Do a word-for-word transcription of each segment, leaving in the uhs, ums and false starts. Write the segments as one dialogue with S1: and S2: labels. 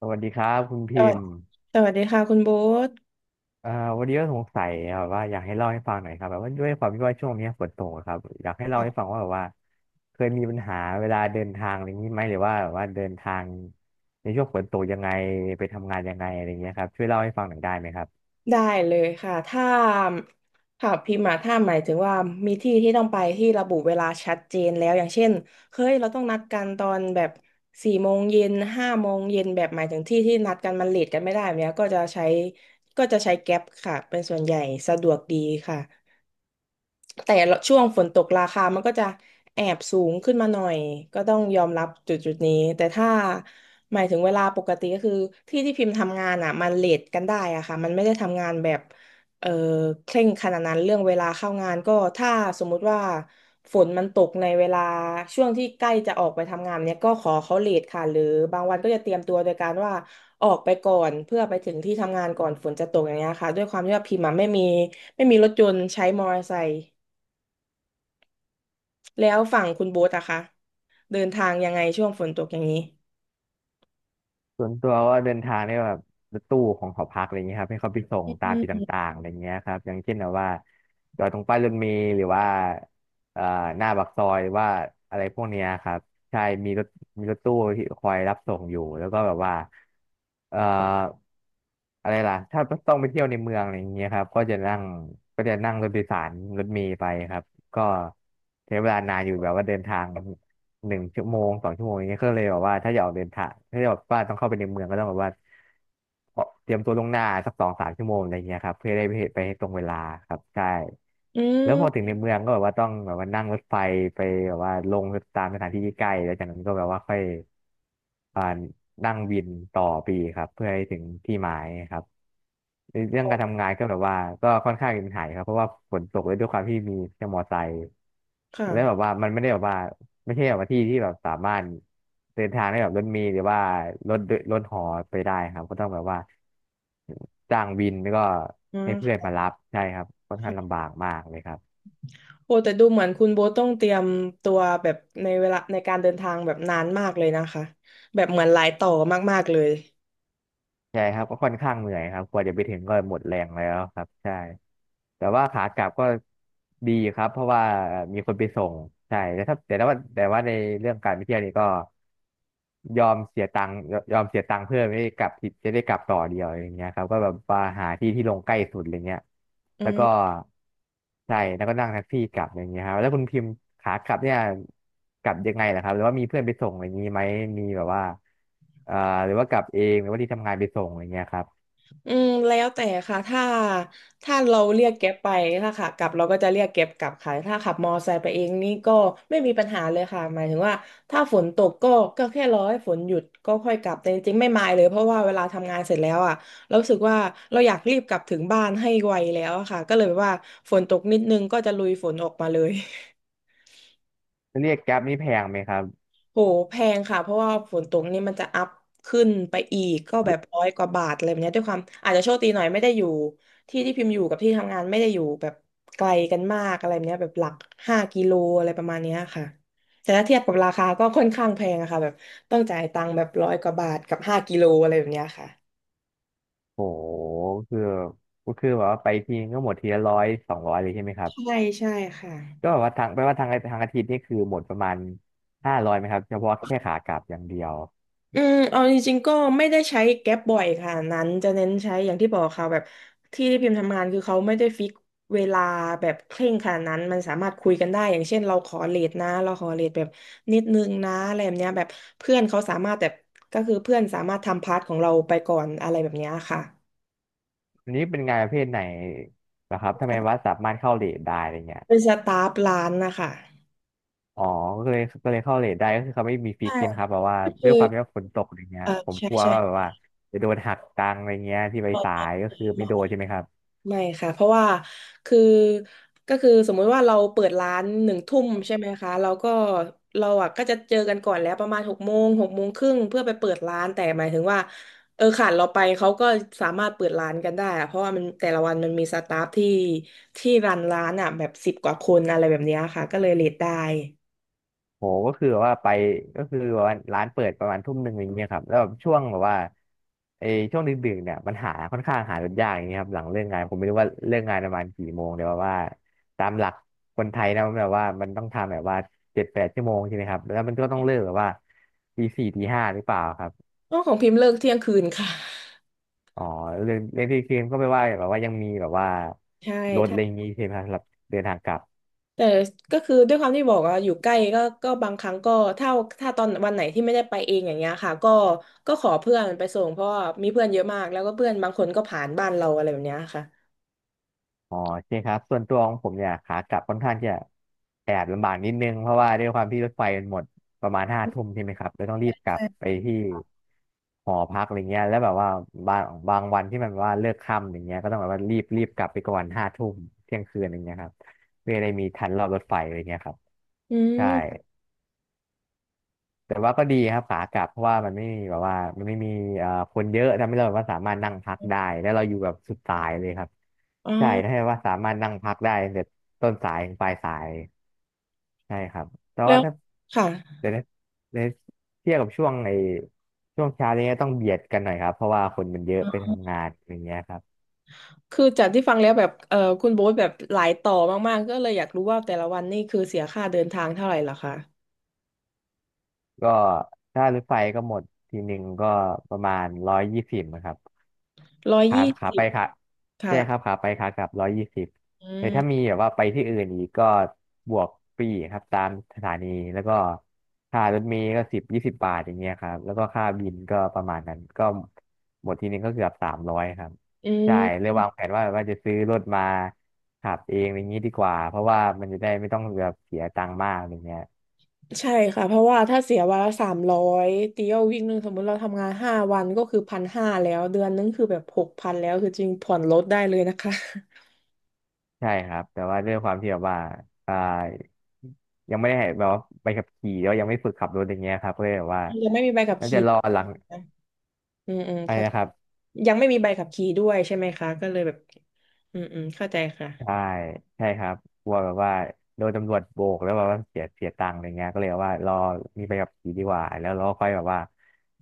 S1: สวัสดีครับคุณ
S2: ส
S1: พิ
S2: วัส
S1: มพ์
S2: สวัสดีค่ะคุณโบ๊ท
S1: เอ่อวันนี้ก็สงสัยแบบว่าอยากให้เล่าให้ฟังหน่อยครับแบบว่าด้วยความที่ว่าช่วงนี้ฝนตกอะครับอยากให้เล่าให้ฟังว่าแบบว่าเคยมีปัญหาเวลาเดินทางอะไรอย่างนี้ไหมหรือว่าแบบว่าเดินทางในช่วงฝนตกยังไงไปทำงานยังไงอะไรอย่างเงี้ยครับช่วยเล่าให้ฟังหน่อยได้ไหมครับ
S2: ได้เลยค่ะถ้าถามพิมพ์มาถ้าหมายถึงว่ามีที่ที่ต้องไปที่ระบุเวลาชัดเจนแล้วอย่างเช่นเฮ้ยเราต้องนัดกันตอนแบบสี่โมงเย็นห้าโมงเย็นแบบหมายถึงที่ที่นัดกันมันเลทกันไม่ได้แบบเนี้ยก็จะใช้ก็จะใช้แก๊ปค่ะเป็นส่วนใหญ่สะดวกดีค่ะ แต่ช่วงฝนตกราคามันก็จะแอบสูงขึ้นมาหน่อยก็ต้องยอมรับจุดจุดนี้แต่ถ้าหมายถึงเวลาปกติก็คือที่ที่พิมพ์ทำงานอ่ะมันเลทกันได้อะค่ะมันไม่ได้ทำงานแบบเออเคร่งขนาดนั้นเรื่องเวลาเข้างานก็ถ้าสมมุติว่าฝนมันตกในเวลาช่วงที่ใกล้จะออกไปทำงานเนี่ยก็ขอเขาเลทค่ะหรือบางวันก็จะเตรียมตัวโดยการว่าออกไปก่อนเพื่อไปถึงที่ทำงานก่อนฝนจะตกอย่างเงี้ยค่ะด้วยความที่ว่าพิมพ์อะไม่มีไม่มีรถยนต์ใช้มอเตอร์ไซค์ แล้วฝั่งคุณโบ๊ทอะคะเดินทางยังไงช่วงฝนตกอย่างนี้
S1: ส่วนตัวว่าเดินทางเนี่ยแบบรถตู้ของหอพักอะไรเงี้ยครับให้เขาไปส่งตาม
S2: อื
S1: จุด
S2: ม
S1: ต่างๆอะไรเงี้ยครับอย่างเช่นแบบว่าจอดตรงป้ายรถเมล์หรือว่าเอ่อหน้าปากซอยหรือว่าอะไรพวกเนี้ยครับ ใช่มีรถมีรถตู้ที่คอยรับส่งอยู่แล้วก็แบบว่าเอ่ออะไรล่ะ ถ้าต้องไปเที่ยวในเมืองอะไรอย่างเงี้ยครับก็จะนั่งก็จะนั่งรถโดยสารรถเมล์ไปครับ ก็ใช้เวลานานอยู่แบบว่าเดินทางหนึ่งชั่วโมงสองชั่วโมงอย่างเงี้ยก็เลยแบบว่าถ้าอยากออกเดินทาง ถ้าอยากว่าต้องเข้าไปในเมืองก็ต้องแบบว่า เตรียมตัวล่วงหน้าสักสองสามชั่วโมงอะไรเงี้ยครับเพื่อได้ไปไปตรงเวลาครับใช่
S2: อื
S1: แล้วพอถึง
S2: ม
S1: ในเมืองก็แบบว่าต้องแบบว่านั่งรถไฟไปแบบว่าลงตามสถานที่ที่ใกล้แล้วจากนั้นก็แบบว่าค่อยอ่านั่งวินต่อไปอีกครับเพื่อให้ถึงที่หมายครับ ในเรื่องการทำงานก็แบบว่าก็ค่อนข้างมีปัญหาอยู่ครับเพราะว่าฝนตกเลยด้วยความที่มีแค่มอไซค์
S2: ค่ะ
S1: แล้วแบบว่ามันไม่ได้แบบว่าไม่ใช่แบบว่าที่ที่แบบสามารถเดินทางได้แบบรถเมล์หรือว่ารถรถหอไปได้ครับก็ต้องแบบว่าจ้างวินแล้วก็
S2: อื
S1: ให้เพื่อน
S2: ม
S1: มารับใช่ครับค่อนข้างลำบากมากเลยครับ
S2: โอ้แต่ดูเหมือนคุณโบ๊ทต้องเตรียมตัวแบบในเวลาในการเดินทางแบบนานมากเลยนะคะแบบเหมือนหลายต่อมากๆเลย
S1: ใช่ครับก็ค่อนข้างเหนื่อยครับกว่าจะไปถึงก็หมดแรงแล้วครับใช่แต่ว่าขากลับก็ดีครับเพราะว่ามีคนไปส่งใช่แต่ถ้าแต่ว่าแต่ว่าในเรื่องการไปเที่ยวนี่ก็ยอมเสียตังค์ยยอมเสียตังค์เพื่อไม่ได้กลับที่จะได้กลับต่อเดียวอย่างเงี้ยครับก็แบบว่าหาที่ที่ลงใกล้สุดอะไรเงี้ย
S2: อื
S1: แล้วก็ ใช่แล้วก็นั่งแท็กซี่กลับอย่างเงี้ยครับแล้วคุณพิมพ์ขากลับเนี่ยกลับยังไงล่ะครับหรือว่ามีเพื่อนไปส่งอะไรอย่างงี้ไหมมีแบบว่าเอ่อหรือว่ากลับเองหรือว่าที่ทำงานไปส่งอะไรเงี้ยครับ
S2: อืมแล้วแต่ค่ะถ้าถ้าเราเรียกแก๊ปไปถ้าขากลับเราก็จะเรียกแก๊ปกลับค่ะถ้าขับมอไซค์ไปเองนี่ก็ไม่มีปัญหาเลยค่ะหมายถึงว่าถ้าฝนตกก็ก็แค่รอให้ฝนหยุดก็ค่อยกลับแต่จริงๆไม่มายเลยเพราะว่าเวลาทำงานเสร็จแล้วอ่ะเรารู้สึกว่าเราอยากรีบกลับถึงบ้านให้ไวแล้วอะค่ะก็เลยแบบว่าฝนตกนิดนึงก็จะลุยฝนออกมาเลย
S1: แล้วเรียกแกร็บนี่แพงไหมครับ
S2: โหแพงค่ะเพราะว่าฝนตกนี่มันจะอัพขึ้นไปอีกก็แบบร้อยกว่าบาทอะไรแบบเนี้ยด้วยความอาจจะโชคดีหน่อยไม่ได้อยู่ที่ที่พิมพ์อยู่กับที่ทำงานไม่ได้อยู่แบบไกลกันมากอะไรแบบเนี้ยแบบหลักห้ากิโลอะไรประมาณเนี้ยค่ะแต่ถ้าเทียบกับราคาก็ค่อนข้างแพงอะค่ะแบบต้องจ่ายตังค์แบบร้อยกว่าบาทกับห้ากิโลอะไรแบบเนี้ยค่ะ
S1: โหคือก็คือแบบว่าไปทีนึงก็หมดทีละร้อยสองร้อยเลยใช่ไหมครับ
S2: ใช่ใช่ค่ะ
S1: ก็แบบว่าทางแปลว่าทางทางอาทิตย์นี่คือหมดประมาณห้าร้อยไหมครับเฉพาะแค่ขากลับอย่างเดียว
S2: อืมเอาจริงๆก็ไม่ได้ใช้แก๊ปบ่อยค่ะนั้นจะเน้นใช้อย่างที่บอกค่ะแบบที่ที่พิมพ์ทำงานคือเขาไม่ได้ฟิกเวลาแบบเคร่งขนาดนั้นมันสามารถคุยกันได้อย่างเช่นเราขอเลทนะเราขอเลทแบบนิดนึงนะอะไรแบบเนี้ยแบบเพื่อนเขาสามารถแบบก็คือเพื่อนสามารถทำพาร์ทของเราไปก่อนอะไรแบบเนี้ยค่ะ
S1: อันนี้เป็นงานประเภทไหนนะครับทำไมว่าสามารถเข้าเลทได้อะไรเงี้ย
S2: เป็นสตาฟร้านนะคะ
S1: อ๋อก็เลยก็เลยเข้าเลทได้ก็คือเขาไม่มีฟิ
S2: ใช่
S1: กใช่ไหมครับแบบว่าด้
S2: คื
S1: วย
S2: อ
S1: ความที่ว่าฝนตกอะไรเงี้ย
S2: เออ
S1: ผม
S2: ใช่
S1: กลัว
S2: ใช่
S1: ว่าแบบว่าจะโดนหักตังค์อะไรเงี้ยที่ไปสายก็คือไม่โดนใช่ไหมครับ
S2: ไม่ค่ะเพราะว่าคือก็คือสมมุติว่าเราเปิดร้านหนึ่งทุ่มใช่ไหมคะเราก็เราอ่ะก็จะเจอกันก่อนแล้วประมาณหกโมงหกโมงครึ่งเพื่อไปเปิดร้านแต่หมายถึงว่าเออขาดเราไปเขาก็สามารถเปิดร้านกันได้อะเพราะว่ามันแต่ละวันมันมีสตาฟที่ที่รันร้านอ่ะแบบสิบกว่าคนอะไรแบบเนี้ยค่ะก็เลยเลทได้
S1: โหก็คือแบบว่าไปก็คือแบบว่าร้านเปิดประมาณทุ่มหนึ่งอะไรเงี้ยครับแล้วแบบช่วงแบบว่าไอ้ช่วงดึกๆเนี่ยมันหาค่อนข้างหารถยากอย่างเงี้ยครับหลังเลิกงานผมไม่รู้ว่าเลิกงานประมาณกี่โมงแต่ว่าตามหลักคนไทยนะมันแบบว่ามันต้องทำแบบว่าเจ็ดแปดชั่วโมงใช่ไหมครับแล้วมันก็ต้องเลิกแบบว่าตีสี่ตีห้าหรือเปล่าครับ
S2: อ๋อของพิมพ์เลิกเที่ยงคืนค่ะ
S1: อ๋อเรื่องเรื่องที่เคลมก็ไม่ว่าแบบว่ายังมีแบบว่า
S2: ใช่
S1: รถอะไรอย่างงี้ใช่ไหมครับสำหรับเดินทางกลับ
S2: แต่ก็คือด้วยความที่บอกว่าอยู่ใกล้ก็ก็บางครั้งก็ถ้าถ้าตอนวันไหนที่ไม่ได้ไปเองอย่างเงี้ยค่ะก็ก็ขอเพื่อนไปส่งเพราะว่ามีเพื่อนเยอะมากแล้วก็เพื่อนบางคนก็ผ่านบ้านเราอะไรแบบเนี้ยค่ะ
S1: อ๋อใช่คครับส่วนตัวของผมเนี่ยขากลับค่อนข้างจะแอบลำบากนิดนึงเพราะว่าด้วยความที่รถไฟมันหมดประมาณห้าทุ่มใช่ไหมครับเลยต้องรีบกลับไปที่หอพักอะไรเงี้ยแล้วแบบว่าบางบางวันที่มันแบบว่าเลิกค่ำอย่างเงี้ยก็ต้องแบบว่ารีบรีบกลับไปก่อนห้าทุ่มเที่ยงคืนอย่างเงี้ยครับเพื่อได้มีทันรอบรถไฟอะไรเงี้ยครับ
S2: อื
S1: ใช่
S2: ม
S1: แต่ว่าก็ดีครับขากลับเพราะว่ามันไม่มีแบบว่ามันไม่มีเอ่อคนเยอะทำให้เราแบบว่าสามารถนั่งพักได้แล้วเราอยู่แบบสุดสายเลยครับ
S2: อ๋อ
S1: ใช่ถ้าว่าสามารถนั่งพักได้ตั้งแต่ต้นสายถึงปลายสายใช่ครับแต่
S2: แล้
S1: ว่า
S2: ว
S1: ถ้า
S2: ค่ะ
S1: เดี๋ยวนะเดี๋ยวเทียบกับช่วงไอ้ช่วงเช้านี้ต้องเบียดกันหน่อยครับเพราะว่าคนมันเยอะไปทำงานอย่างเงี้ยครับ
S2: คือจากที่ฟังแล้วแบบเออคุณโบ๊ทแบบหลายต่อมากๆก็เลยอยากรู้ว่าแต่ละวันนี่คือเสียค่าเดินทางเท่าไหร่ล่ะคะ
S1: ก็ถ้ารถไฟก็หมดทีหนึ่งก็ประมาณร้อยยี่สิบนะครับ
S2: ร้อย
S1: ขา
S2: ยี่
S1: ขา
S2: สิ
S1: ไป
S2: บ
S1: ขาใช่
S2: ค่ะ
S1: ครับขาไปขากลับร้อยยี่สิบ
S2: อื
S1: แต่ถ้ามี
S2: ม
S1: แบบว่าไปที่อื่นอีกก็บวกฟรีครับตามสถานีแล้วก็ค่ารถเมล์ก็สิบยี่สิบบาทอย่างเงี้ยครับแล้วก็ค่าบินก็ประมาณนั้นก็หมดทีนึงก็เกือบสามร้อยครับ
S2: อื
S1: ใช่เล
S2: ม
S1: ยวางแผนว่าว่าจะซื้อรถมาขับเองอะไรอย่างงี้ดีกว่าเพราะว่ามันจะได้ไม่ต้องแบบเสียตังค์มากอะไรเงี้ย
S2: ใช่ค่ะเพราะว่าถ้าเสียวันละสามร้อยตีเอาวิ่งหนึ่งสมมุติเราทำงานห้าวันก็คือพันห้าแล้วเดือนนึงคือแบบหกพันแล้วคือจริงผ่อนรถได้เลยนะคะ
S1: ใช่ครับแต่ว่าด้วยความที่แบบว่าอ่ายังไม่ได้แบบว่าใบขับขี่แล้วยังไม่ฝึกขับรถอย่างเงี้ยครับก็เลยแบบว่า
S2: ยังไม่มีใบขับ
S1: น่าจะ
S2: ขี่
S1: รอหลัง
S2: นะอืมอืม
S1: อะไร
S2: ค่ะ
S1: นะครับ
S2: ยังไม่มีใบขับขี่ด้วยใช่ไหมคะก็เลยแบบอืมอืมเข้าใจค่ะ
S1: ใช่ใช่ครับกลัวแบบว่าโดนตำรวจโบกแล้วแบบว่าเสียเสียตังค์อะไรเงี้ยก็เลยว่ารอมีใบขับขี่ดีกว่าแล้วเราก็ค่อยแบบว่า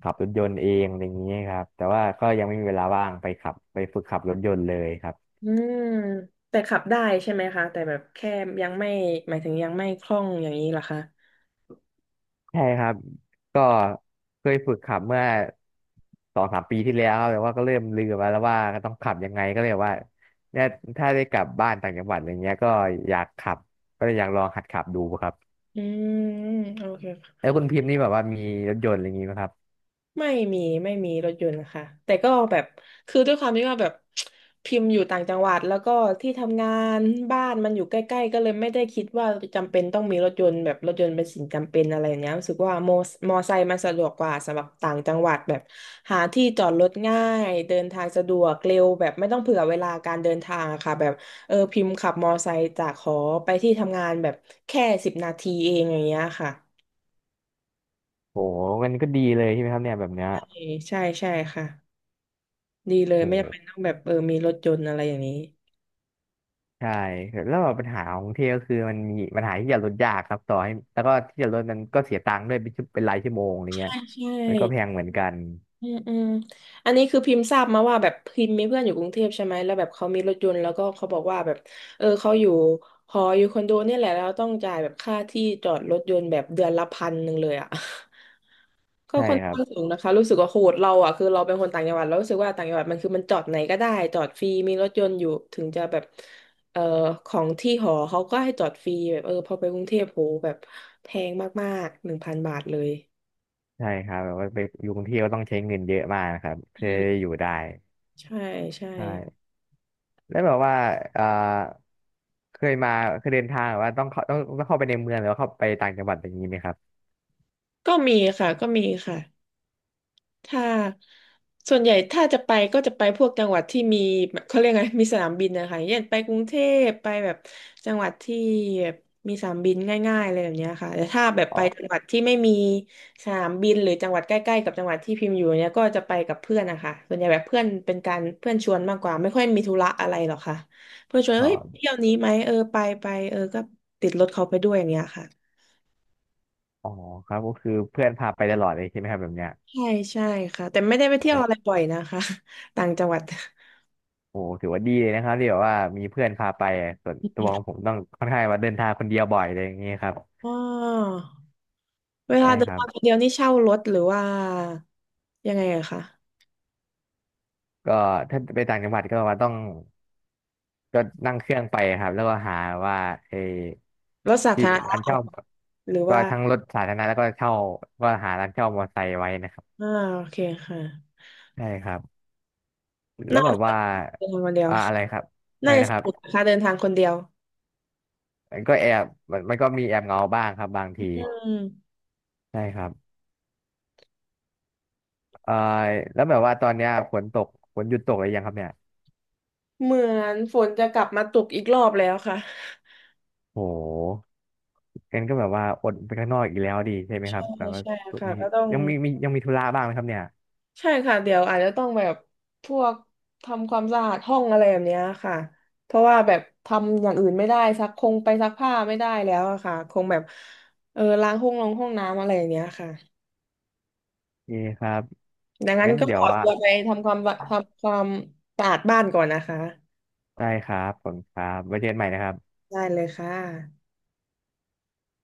S1: ขับรถยนต์เองอะไรเงี้ยครับแต่ว่าก็ยังไม่มีเวลาว่างไปขับไปฝึกขับรถยนต์เลยครับ
S2: อืมแต่ขับได้ใช่ไหมคะแต่แบบแค่ยังไม่หมายถึงยังไม่คล่องอย่างนี้เหรอคะ
S1: ใช่ครับก็เคยฝึกขับเมื่อสองสามปีที่แล้วครับแต่ว่าก็เริ่มลืมไปแล้วว่าก็ต้องขับยังไงก็เลยว่าเนี่ยถ้าได้กลับบ้านต่างจังหวัดอะไรเงี้ยก็อยากขับก็เลยอยากลองหัดขับดูครับ
S2: อืมโอเค
S1: แล้วคุณพิมพ์นี่แบบว่ามีรถยนต์อะไรอย่างงี้ไหมครับ
S2: ไม่มีไม่มีรถยนต์ค่ะแต่ก็แบบคือด้วยความที่ว่าแบบ พิมพ์อยู่ต่างจังหวัดแล้วก็ที่ทำงานบ้านมันอยู่ใกล้ๆก็เลยไม่ได้คิดว่าจำเป็นต้องมีรถยนต์แบบรถยนต์เป็นสิ่งจำเป็นอะไรอย่างเงี้ยรู้สึกว่าโมมอไซค์มันสะดวกกว่าสำหรับต่างจังหวัดแบบหาที่จอดรถง่ายเดินทางสะดวกเร็วแบบไม่ต้องเผื่อเวลาการเดินทางอะค่ะแบบเออพิมพ์ขับมอไซค์จากหอไปที่ทำงานแบบแค่สิบนาทีเองอย่างเงี้ยค่ะ
S1: โหมันก็ดีเลยใช่ไหมครับเนี่ยแบบเนี้ย
S2: เออใช่ใช่ค่ะ ดีเลยไม่จำ
S1: โห
S2: เป็นต้องแบบเออมีรถยนต์อะไรอย่างนี้
S1: ใช่แล้วแบบปัญหาของกรุงเทพก็คือมันมีปัญหาที่จะลดยากครับต่อให้แล้วก็ที่จะลดมันก็เสียตังค์ด้วยเป็นชั่วเป็นรายชั่วโมงอะไรเงี้
S2: ใช่
S1: ย
S2: ใช่
S1: มันก็แพงเหมือนกัน
S2: อืมอืมอันนี้คือพิมพ์ทราบมาว่าแบบพิมพ์มีเพื่อนอยู่กรุงเทพใช่ไหมแล้วแบบเขามีรถยนต์แล้วก็เขาบอกว่าแบบเออเขาอยู่หออยู่คอนโดเนี่ยแหละแล้วต้องจ่ายแบบค่าที่จอดรถยนต์แบบเดือนละพันหนึ่งเลยอ่ะ ก็
S1: ใช่
S2: ค่อน
S1: ครับ
S2: ข้างสูงนะคะรู้สึกว่าโหดเราอ่ะคือเราเป็นคนต่างจังหวัดเรารู้สึกว่าต่างจังหวัดมันคือมันจอดไหนก็ได้จอดฟรีมีรถยนต์อยู่ถึงจะแบบเอ่อของที่หอเขาก็ให้จอดฟรีแบบเออพอไปกรุงเทพโหแบบแพงมากๆหนึ่งพันบาทเลย
S1: ใช่ครับแบบว่าไปอยู่กรุงเทพก็ต้องใช้เงินเยอะมากนะครับ
S2: อื
S1: เพื่อ
S2: ม
S1: อยู่ได้
S2: ใช่ใช่
S1: ใช่แล้วแบบว่าเอ่อเคยมาเคยเดินทางแบบว่าต้องเข้าต้องต้องเข้าไปในเมืองหรือว่าเข้าไปต่างจังหวัดอย่างนี้ไหมครับ
S2: ก็มีค่ะก็มีค่ะ ถ้าส่วนใหญ่ถ้าจะไปก็จะไปพวกจังหวัดที่มีแบบเขาเรียกไงมีสนามบินนะคะอย่างเช่นไปกรุงเทพไปแบบจังหวัดที่แบบมีสนามบินง่ายๆอะไรแบบเนี้ยค่ะแต่ถ้าแบบ
S1: อ๋
S2: ไป
S1: อ
S2: จังหวัดที่ไม่มีสนามบินหรือจังหวัดใกล้ๆกับจังหวัดที่พิมพ์อยู่เนี้ยก็จะไปกับเพื่อนนะคะส่วนใหญ่แบบเพื่อนเป็นการเพื่อนชวนมากกว่าไม่ค่อยมีธุระอะไรหรอกค่ะเพื่อนชวน
S1: อ๋อ
S2: เฮ้ยเที่ยวนี้ไหมเออไปไปเออก็ติดรถเขาไปด้วยอย่างเงี้ยค่ะ
S1: อ๋อครับก็คือเพื่อนพาไปตลอดเลยใช่ไหมครับแบบเนี้ย
S2: ใช่ใช่ค่ะแต่ไม่ได้ไป
S1: โอ้
S2: เที่ยวอะไร
S1: โห
S2: บ่อยนะคะ ต่างจังหวัด
S1: ถือว่าดีเลยนะครับที่แบบว่ามีเพื่อนพาไปอะส่วนตัวของผมต้องค่อนข้างว่าเดินทางคนเดียวบ่อยอะไรอย่างเงี้ยครับ
S2: อ๋อเว
S1: ใช่
S2: ลาเดิ
S1: ค
S2: น
S1: รับ
S2: ทางคนเดียวนี่เช่ารถหรือว่ายังไงอะคะ
S1: ก็ถ้าไปต่างจังหวัดก็ว่าต้อง ก็นั่งเครื่องไปครับแล้วก็หาว่าเออ
S2: รถสา
S1: ที่
S2: ธารณะ
S1: ร้านเช่า
S2: หรือ
S1: ก็
S2: ว่า
S1: ทั้งรถสาธารณะแล้วก็เช่าก็หาร้านเช่ามอเตอร์ไซค์ไว้นะครับ
S2: อ่าโอเคค่ะ
S1: ใช่ครับแล้ว
S2: น่า
S1: แบบ
S2: จะ
S1: ว่า
S2: เดินทางคนเดียว
S1: อ่าอะไรครับ อะ
S2: น่า
S1: ไร
S2: จะ
S1: นะ
S2: ส
S1: ครับ
S2: นุกนะคะเดินทางคนเดียว
S1: มันก็แอบมันมันก็มีแอบเหงาบ้างครับบางที
S2: อืม
S1: ใช่ครับเอ่อแล้วแบบว่าตอนเนี้ยฝนตกฝนหยุดตกหรือยังครับเนี่ย
S2: เหมือนฝนจะกลับมาตกอีกรอบแล้วค่ะ
S1: โหงั้นก็แบบว่าอดไปข้างนอกอีกแล้วดีใช่ไหมครั
S2: ใช่
S1: บแต่ว่า
S2: ใช่ค่ะ
S1: มี
S2: ก็ต้อง
S1: ยังมีมียังมีธุระบ้างไหมครับเนี่ย
S2: ใช่ค่ะเดี๋ยวอาจจะต้องแบบพวกทำความสะอาดห้องอะไรแบบเนี้ยค่ะเพราะว่าแบบทำอย่างอื่นไม่ได้ซักคงไปซักผ้าไม่ได้แล้วอะค่ะคงแบบเออล้างห้องลงห้องน้ำอะไรอย่างเนี้ยค่ะ
S1: โอ่คครับ
S2: ดังนั้น
S1: งั้น
S2: ก็
S1: เดี๋
S2: ข
S1: ยว
S2: อ
S1: ว่า
S2: ตัวไปทำความทำความสะอาดบ้านก่อนนะคะ
S1: ได้ครับผมครับไว้เจอกันใหม่นะครับ
S2: ได้เลยค่ะ